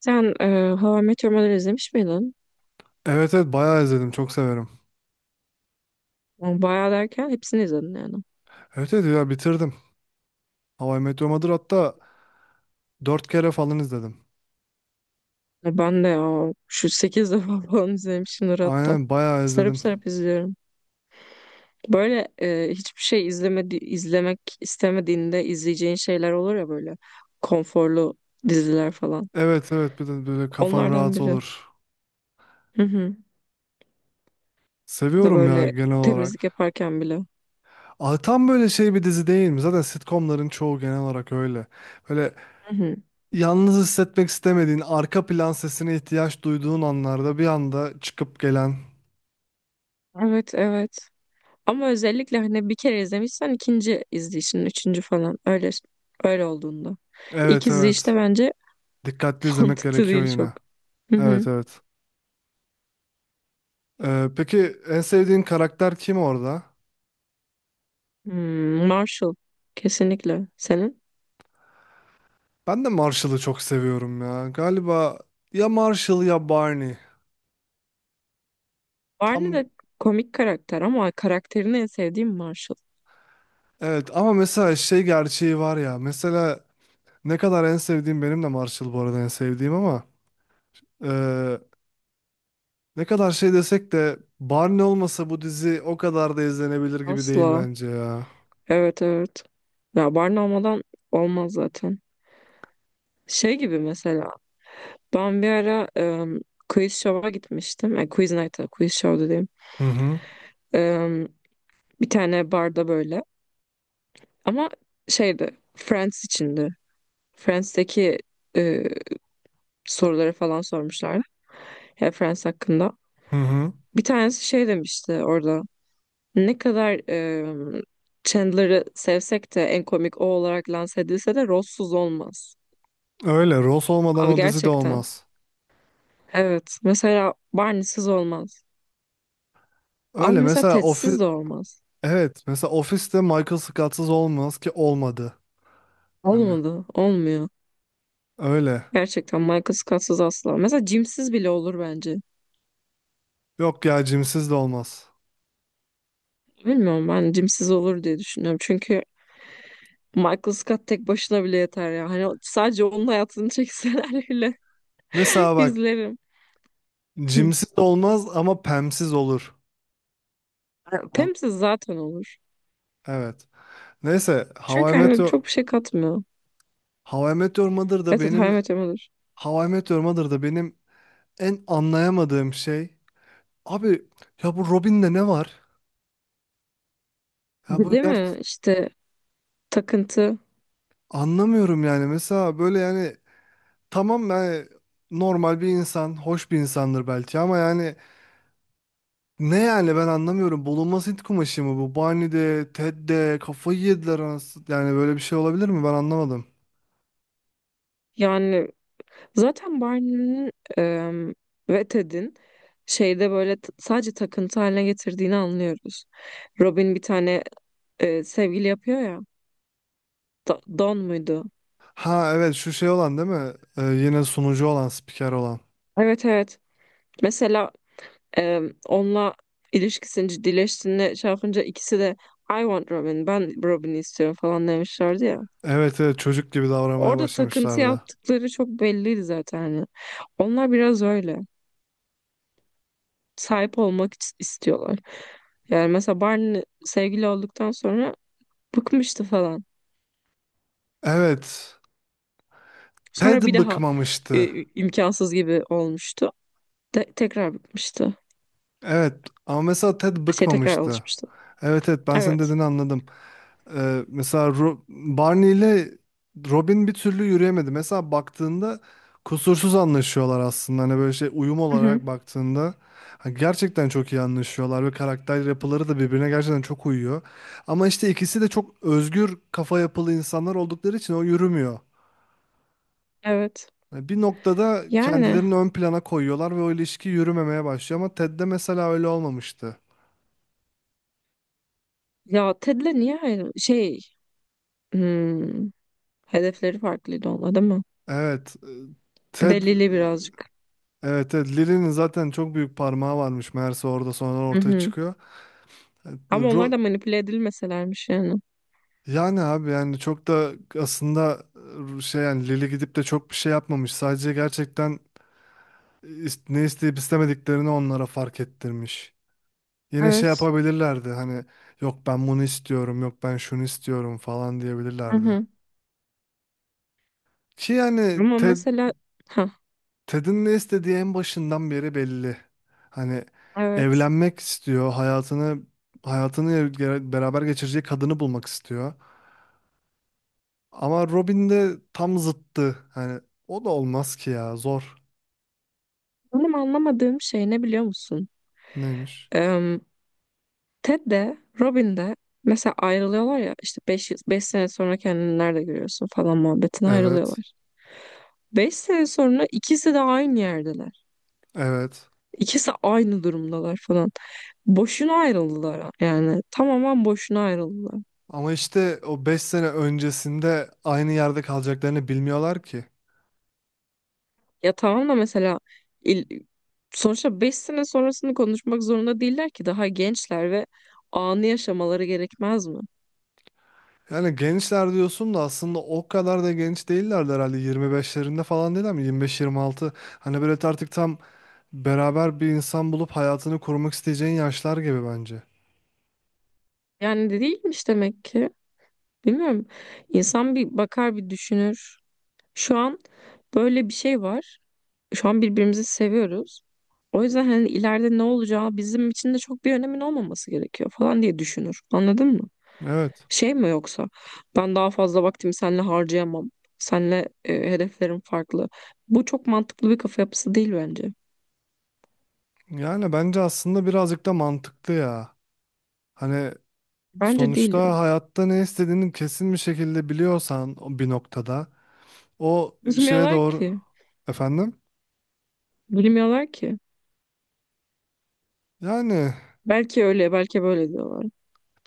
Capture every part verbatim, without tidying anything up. Sen e, How I Met Your Mother'ı izlemiş miydin? Evet evet bayağı izledim. Çok severim. Yani bayağı derken hepsini izledin yani. Evet evet ya bitirdim. How I Met Your Mother hatta dört kere falan izledim. Ya ben de ya şu sekiz defa falan izlemişimdir hatta. Aynen bayağı Sarıp izledim. sarıp izliyorum. Böyle e, hiçbir şey izlemedi, izlemek istemediğinde izleyeceğin şeyler olur ya, böyle konforlu diziler falan. Evet evet bir de böyle kafan Onlardan rahat biri. olur. Hı hı. Ya da Seviyorum ya böyle genel temizlik olarak. yaparken bile. Aa, tam böyle şey bir dizi değil mi? Zaten sitcomların çoğu genel olarak öyle. Böyle Hı hı. yalnız hissetmek istemediğin, arka plan sesine ihtiyaç duyduğun anlarda bir anda çıkıp gelen. Evet evet. Ama özellikle hani bir kere izlemişsen ikinci izleyişin, üçüncü falan öyle öyle olduğunda. İlk Evet evet. izleyişte bence Dikkatli izlemek mantıklı gerekiyor değil çok. yine. Hı Evet hı. evet. Ee, peki en sevdiğin karakter kim orada? Hmm, Marshall kesinlikle. Senin? Ben de Marshall'ı çok seviyorum ya. Galiba ya Marshall ya Barney. Barney Tam de komik karakter ama karakterini en sevdiğim Marshall. evet ama mesela şey gerçeği var ya. Mesela ne kadar en sevdiğim benim de Marshall bu arada en sevdiğim ama eee, ne kadar şey desek de Barney olmasa bu dizi o kadar da izlenebilir gibi değil Asla. bence ya. Evet evet. Ya Barney olmadan olmaz zaten. Şey gibi, mesela ben bir ara em, quiz show'a gitmiştim. E, quiz night'a, quiz show dediğim. Hı hı. Em, bir tane barda böyle. Ama şeydi, Friends içindi. Friends'teki e, soruları falan sormuşlardı. Ya Friends hakkında. Hı hı. Bir tanesi şey demişti orada. Ne kadar e, Chandler'ı sevsek de en komik o olarak lanse edilse de Ross'suz olmaz. Öyle Ross olmadan Abi o dizi de gerçekten. olmaz. Evet. Mesela Barney'siz olmaz. Ama Öyle mesela mesela ofis Ted'siz de olmaz. evet, mesela Office'te Michael Scott'sız olmaz ki olmadı. Hani Olmadı. Olmuyor. öyle. Gerçekten Michael Scott'sız asla. Mesela Jim'siz bile olur bence. Yok ya Jim'siz de olmaz. Bilmiyorum, ben Jim'siz olur diye düşünüyorum. Çünkü Michael Scott tek başına bile yeter ya. Hani sadece onun hayatını çekseler bile Mesela bak izlerim. Hı. cimsiz olmaz ama pemsiz olur. E, An- Pam'siz zaten olur. Evet. Neyse How I Çünkü Met hani Your, çok bir şey katmıyor. How I Met Your Mother da Evet evet, How I benim Met Your Mother. How I Met Your Mother da benim en anlayamadığım şey. Abi ya bu Robin'de ne var? Ya Bir, bu değil gert mi? İşte takıntı. anlamıyorum yani. Mesela böyle yani tamam yani normal bir insan, hoş bir insandır belki ama yani ne yani ben anlamıyorum. Bulunmaz Hint kumaşı mı bu? Barney'de, Ted'de kafayı yediler anasını. Yani böyle bir şey olabilir mi? Ben anlamadım. Yani zaten Barney'nin em, ve Ted'in şeyde böyle t- sadece takıntı haline getirdiğini anlıyoruz. Robin bir tane e, sevgili yapıyor ya. Da- Don muydu? Ha evet, şu şey olan değil mi? Ee, yine sunucu olan, spiker olan. Evet evet. Mesela Ee, onunla ilişkisini ciddileştiğinde şey yapınca ikisi de I want Robin, ben Robin'i istiyorum falan demişlerdi ya. Evet evet çocuk gibi davranmaya Orada takıntı başlamışlardı. yaptıkları çok belliydi zaten, hani. Onlar biraz öyle. Sahip olmak is- istiyorlar. Yani mesela Barney sevgili olduktan sonra bıkmıştı falan. Evet. Ted Sonra bir daha bıkmamıştı. e, imkansız gibi olmuştu. De- tekrar bıkmıştı. Evet ama mesela Ted Şey tekrar bıkmamıştı. alışmıştı. Evet evet ben senin Evet. dediğini anladım. Ee, mesela Ro- Barney ile Robin bir türlü yürüyemedi. Mesela baktığında kusursuz anlaşıyorlar aslında. Hani böyle şey uyum Hı hı. olarak baktığında ha, gerçekten çok iyi anlaşıyorlar ve karakter yapıları da birbirine gerçekten çok uyuyor. Ama işte ikisi de çok özgür kafa yapılı insanlar oldukları için o yürümüyor. Evet. Yani bir noktada Yani kendilerini ön plana koyuyorlar ve o ilişki yürümemeye başlıyor ama Ted'de mesela öyle olmamıştı. ya Ted'le niye ayrı şey, hmm, hedefleri farklıydı onlar, değil mi? Evet, e, Bir Ted de Lili birazcık. Evet, evet Lili'nin zaten çok büyük parmağı varmış meğerse orada sonradan Hı ortaya hı. çıkıyor. Ama onlar Ro- da manipüle edilmeselermiş yani. Yani abi, yani çok da aslında e, şey, yani Lili gidip de çok bir şey yapmamış. Sadece gerçekten e, is- ne isteyip istemediklerini onlara fark ettirmiş. Yine şey Evet. yapabilirlerdi, hani yok ben bunu istiyorum, yok ben şunu istiyorum falan Hı diyebilirlerdi. hı. Ki yani Ama Ted mesela ha. Ted'in ne istediği en başından beri belli. Hani Evet. evlenmek istiyor, hayatını hayatını ge- beraber geçireceği kadını bulmak istiyor. Ama Robin de tam zıttı. Hani o da olmaz ki ya, zor. Benim anlamadığım şey ne biliyor musun? Neymiş? Em, Ted de Robin de mesela ayrılıyorlar ya, işte beş beş sene sonra kendini nerede görüyorsun falan muhabbetine Evet, ayrılıyorlar. Beş sene sonra ikisi de aynı yerdeler. evet. İkisi aynı durumdalar falan. Boşuna ayrıldılar yani. Tamamen boşuna ayrıldılar. Ama işte o beş sene öncesinde aynı yerde kalacaklarını bilmiyorlar ki. Ya tamam da mesela il- sonuçta beş sene sonrasını konuşmak zorunda değiller ki, daha gençler ve anı yaşamaları gerekmez mi? Yani gençler diyorsun da aslında o kadar da genç değillerdi herhalde, yirmi beşlerinde falan değil mi? yirmi beş yirmi altı, hani böyle artık tam beraber bir insan bulup hayatını kurmak isteyeceğin yaşlar gibi bence. Yani de değilmiş demek ki. Bilmiyorum. İnsan bir bakar, bir düşünür. Şu an böyle bir şey var. Şu an birbirimizi seviyoruz. O yüzden hani ileride ne olacağı bizim için de çok bir önemin olmaması gerekiyor falan diye düşünür. Anladın mı? Evet. Şey mi, yoksa ben daha fazla vaktimi seninle harcayamam. Seninle e, hedeflerim farklı. Bu çok mantıklı bir kafa yapısı değil bence. Yani bence aslında birazcık da mantıklı ya. Hani Bence değil ya. sonuçta hayatta ne istediğini kesin bir şekilde biliyorsan o bir noktada o şeye Bilmiyorlar doğru ki. efendim. Bilmiyorlar ki. Yani Belki öyle, belki böyle diyorlar.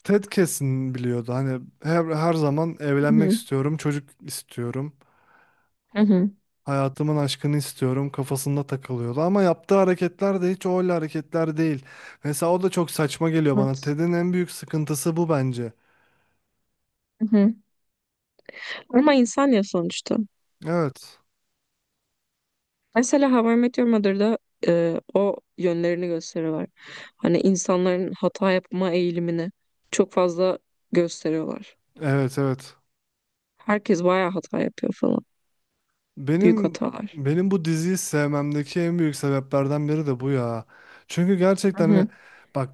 Ted kesin biliyordu. Hani her, her zaman Hı evlenmek hı. istiyorum, çocuk istiyorum. Hı hı. Hayatımın aşkını istiyorum kafasında takılıyordu ama yaptığı hareketler de hiç öyle hareketler değil. Mesela o da çok saçma geliyor bana. Evet. Ted'in en büyük sıkıntısı bu bence. Hı hı. Ama insan ya sonuçta. Evet. Mesela How I Met Your Mother'da e, o yönlerini gösteriyorlar. Hani insanların hata yapma eğilimini çok fazla gösteriyorlar. Evet, evet. Herkes bayağı hata yapıyor falan. Büyük Benim hatalar. benim bu diziyi sevmemdeki en büyük sebeplerden biri de bu ya. Çünkü Hı gerçekten, hani hı. bak,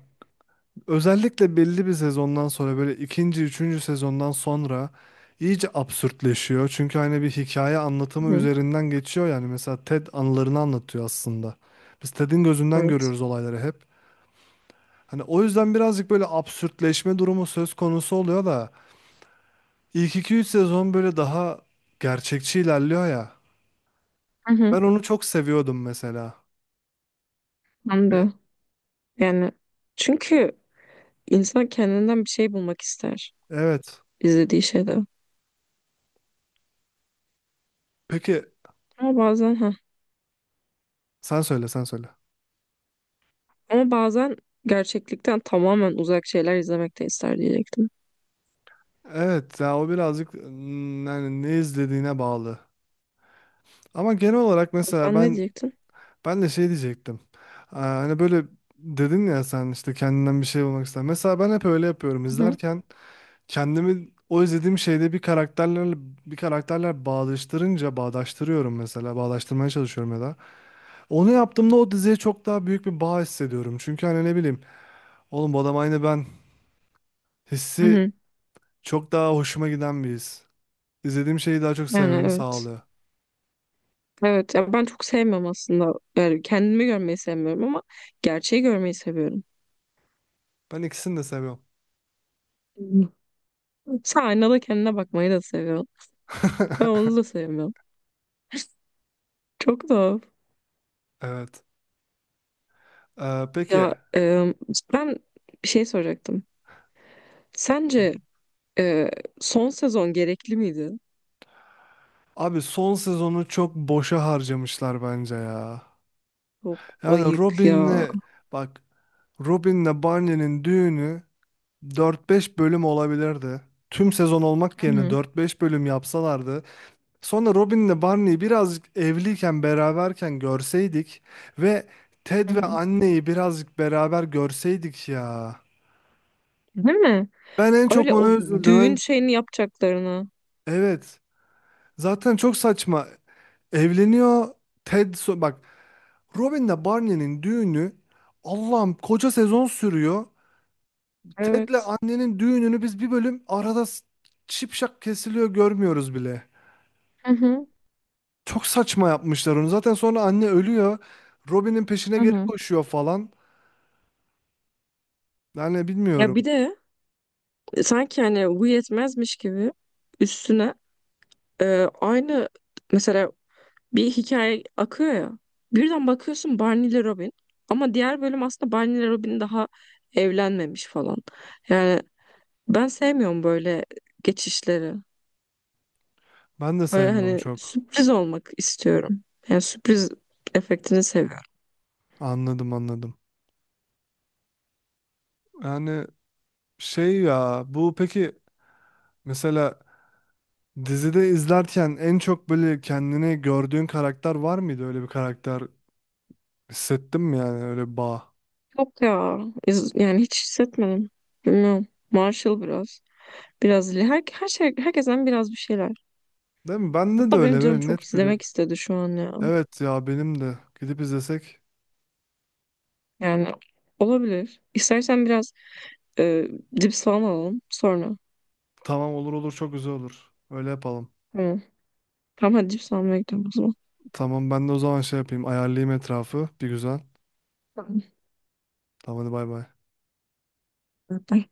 özellikle belli bir sezondan sonra, böyle ikinci, üçüncü sezondan sonra iyice absürtleşiyor. Çünkü hani bir hikaye Hı anlatımı hı. üzerinden geçiyor yani. Mesela Ted anılarını anlatıyor aslında. Biz Ted'in gözünden Evet. görüyoruz olayları hep. Hani o yüzden birazcık böyle absürtleşme durumu söz konusu oluyor da ilk iki üç sezon böyle daha gerçekçi ilerliyor ya. Hı hı. Ben onu çok seviyordum mesela. Ben Ve- de. Yani çünkü insan kendinden bir şey bulmak ister Evet. izlediği şeyde. Peki Ama bazen ha. sen söyle, sen söyle. Ama bazen gerçeklikten tamamen uzak şeyler izlemek de ister diyecektim. Evet ya, o birazcık mm, yani ne izlediğine bağlı. Ama genel olarak mesela Sen ne ben diyecektin? ben de şey diyecektim. Aa, hani böyle dedin ya, sen işte kendinden bir şey bulmak ister. Mesela ben hep öyle yapıyorum. Hı hı. İzlerken kendimi o izlediğim şeyde bir karakterlerle bir karakterler bağdaştırınca bağdaştırıyorum mesela. Bağdaştırmaya çalışıyorum ya da. Onu yaptığımda o diziye çok daha büyük bir bağ hissediyorum. Çünkü hani ne bileyim, oğlum bu adam aynı ben Hı hissi hı. çok daha hoşuma giden bir his. İzlediğim şeyi daha çok Yani sevmemi evet. sağlıyor. Evet. Ya ben çok sevmiyorum aslında. Yani kendimi görmeyi sevmiyorum ama gerçeği görmeyi seviyorum. Ben ikisini de seviyorum. Hı. Sen aynada kendine bakmayı da seviyorsun. Ben onu da sevmiyorum. Çok da. Evet. Ee, peki. Ya e, ben bir şey soracaktım. Sence Ee, son sezon gerekli miydi? Abi son sezonu çok boşa harcamışlar bence ya. Çok Yani ayık ya. Robin'le bak, Robin'le Barney'nin düğünü dört beş bölüm olabilirdi. Tüm sezon olmak Hı yerine hı. dört beş bölüm yapsalardı. Sonra Robin'le Barney'i birazcık evliyken beraberken görseydik ve Ted Hı ve hı. anneyi birazcık beraber görseydik ya. Değil mi? Ben en çok Öyle ona o üzüldüm. düğün Ben- şeyini yapacaklarını. Evet. Zaten çok saçma. Evleniyor Ted so- bak, Robin'le Barney'nin düğünü, Allah'ım, koca sezon sürüyor. Ted'le Evet. annenin düğününü biz bir bölüm arada s- şipşak kesiliyor, görmüyoruz bile. Hı hı. Çok saçma yapmışlar onu. Zaten sonra anne ölüyor. Robin'in peşine Hı geri hı. koşuyor falan. Yani Ya bilmiyorum. bir de sanki hani bu yetmezmiş gibi üstüne e, aynı mesela bir hikaye akıyor ya. Birden bakıyorsun Barney ile Robin, ama diğer bölüm aslında Barney ile Robin daha evlenmemiş falan. Yani ben sevmiyorum böyle geçişleri. Ben de Böyle sevmiyorum hani çok. sürpriz olmak istiyorum. Yani sürpriz efektini seviyorum. Anladım, anladım. Yani şey ya, bu peki mesela dizide izlerken en çok böyle kendini gördüğün karakter var mıydı, öyle bir karakter? Hissettim yani öyle bir bağ. Yok ya. iz- Yani hiç hissetmedim. Bilmiyorum. Marshall biraz. Biraz Lee. her, her şey, herkesten biraz bir şeyler. Değil mi? Bende de Hatta öyle, benim canım böyle çok net biri. izlemek istedi şu an ya. Evet ya, benim de. Gidip izlesek. Yani olabilir. İstersen biraz e, cips falan alalım sonra. Tamam, olur olur, çok güzel olur. Öyle yapalım. Tamam. Tamam hadi cips almaya gidelim o zaman. Tamam, ben de o zaman şey yapayım. Ayarlayayım etrafı. Bir güzel. Tamam. Tamam, hadi bay bay. Bye.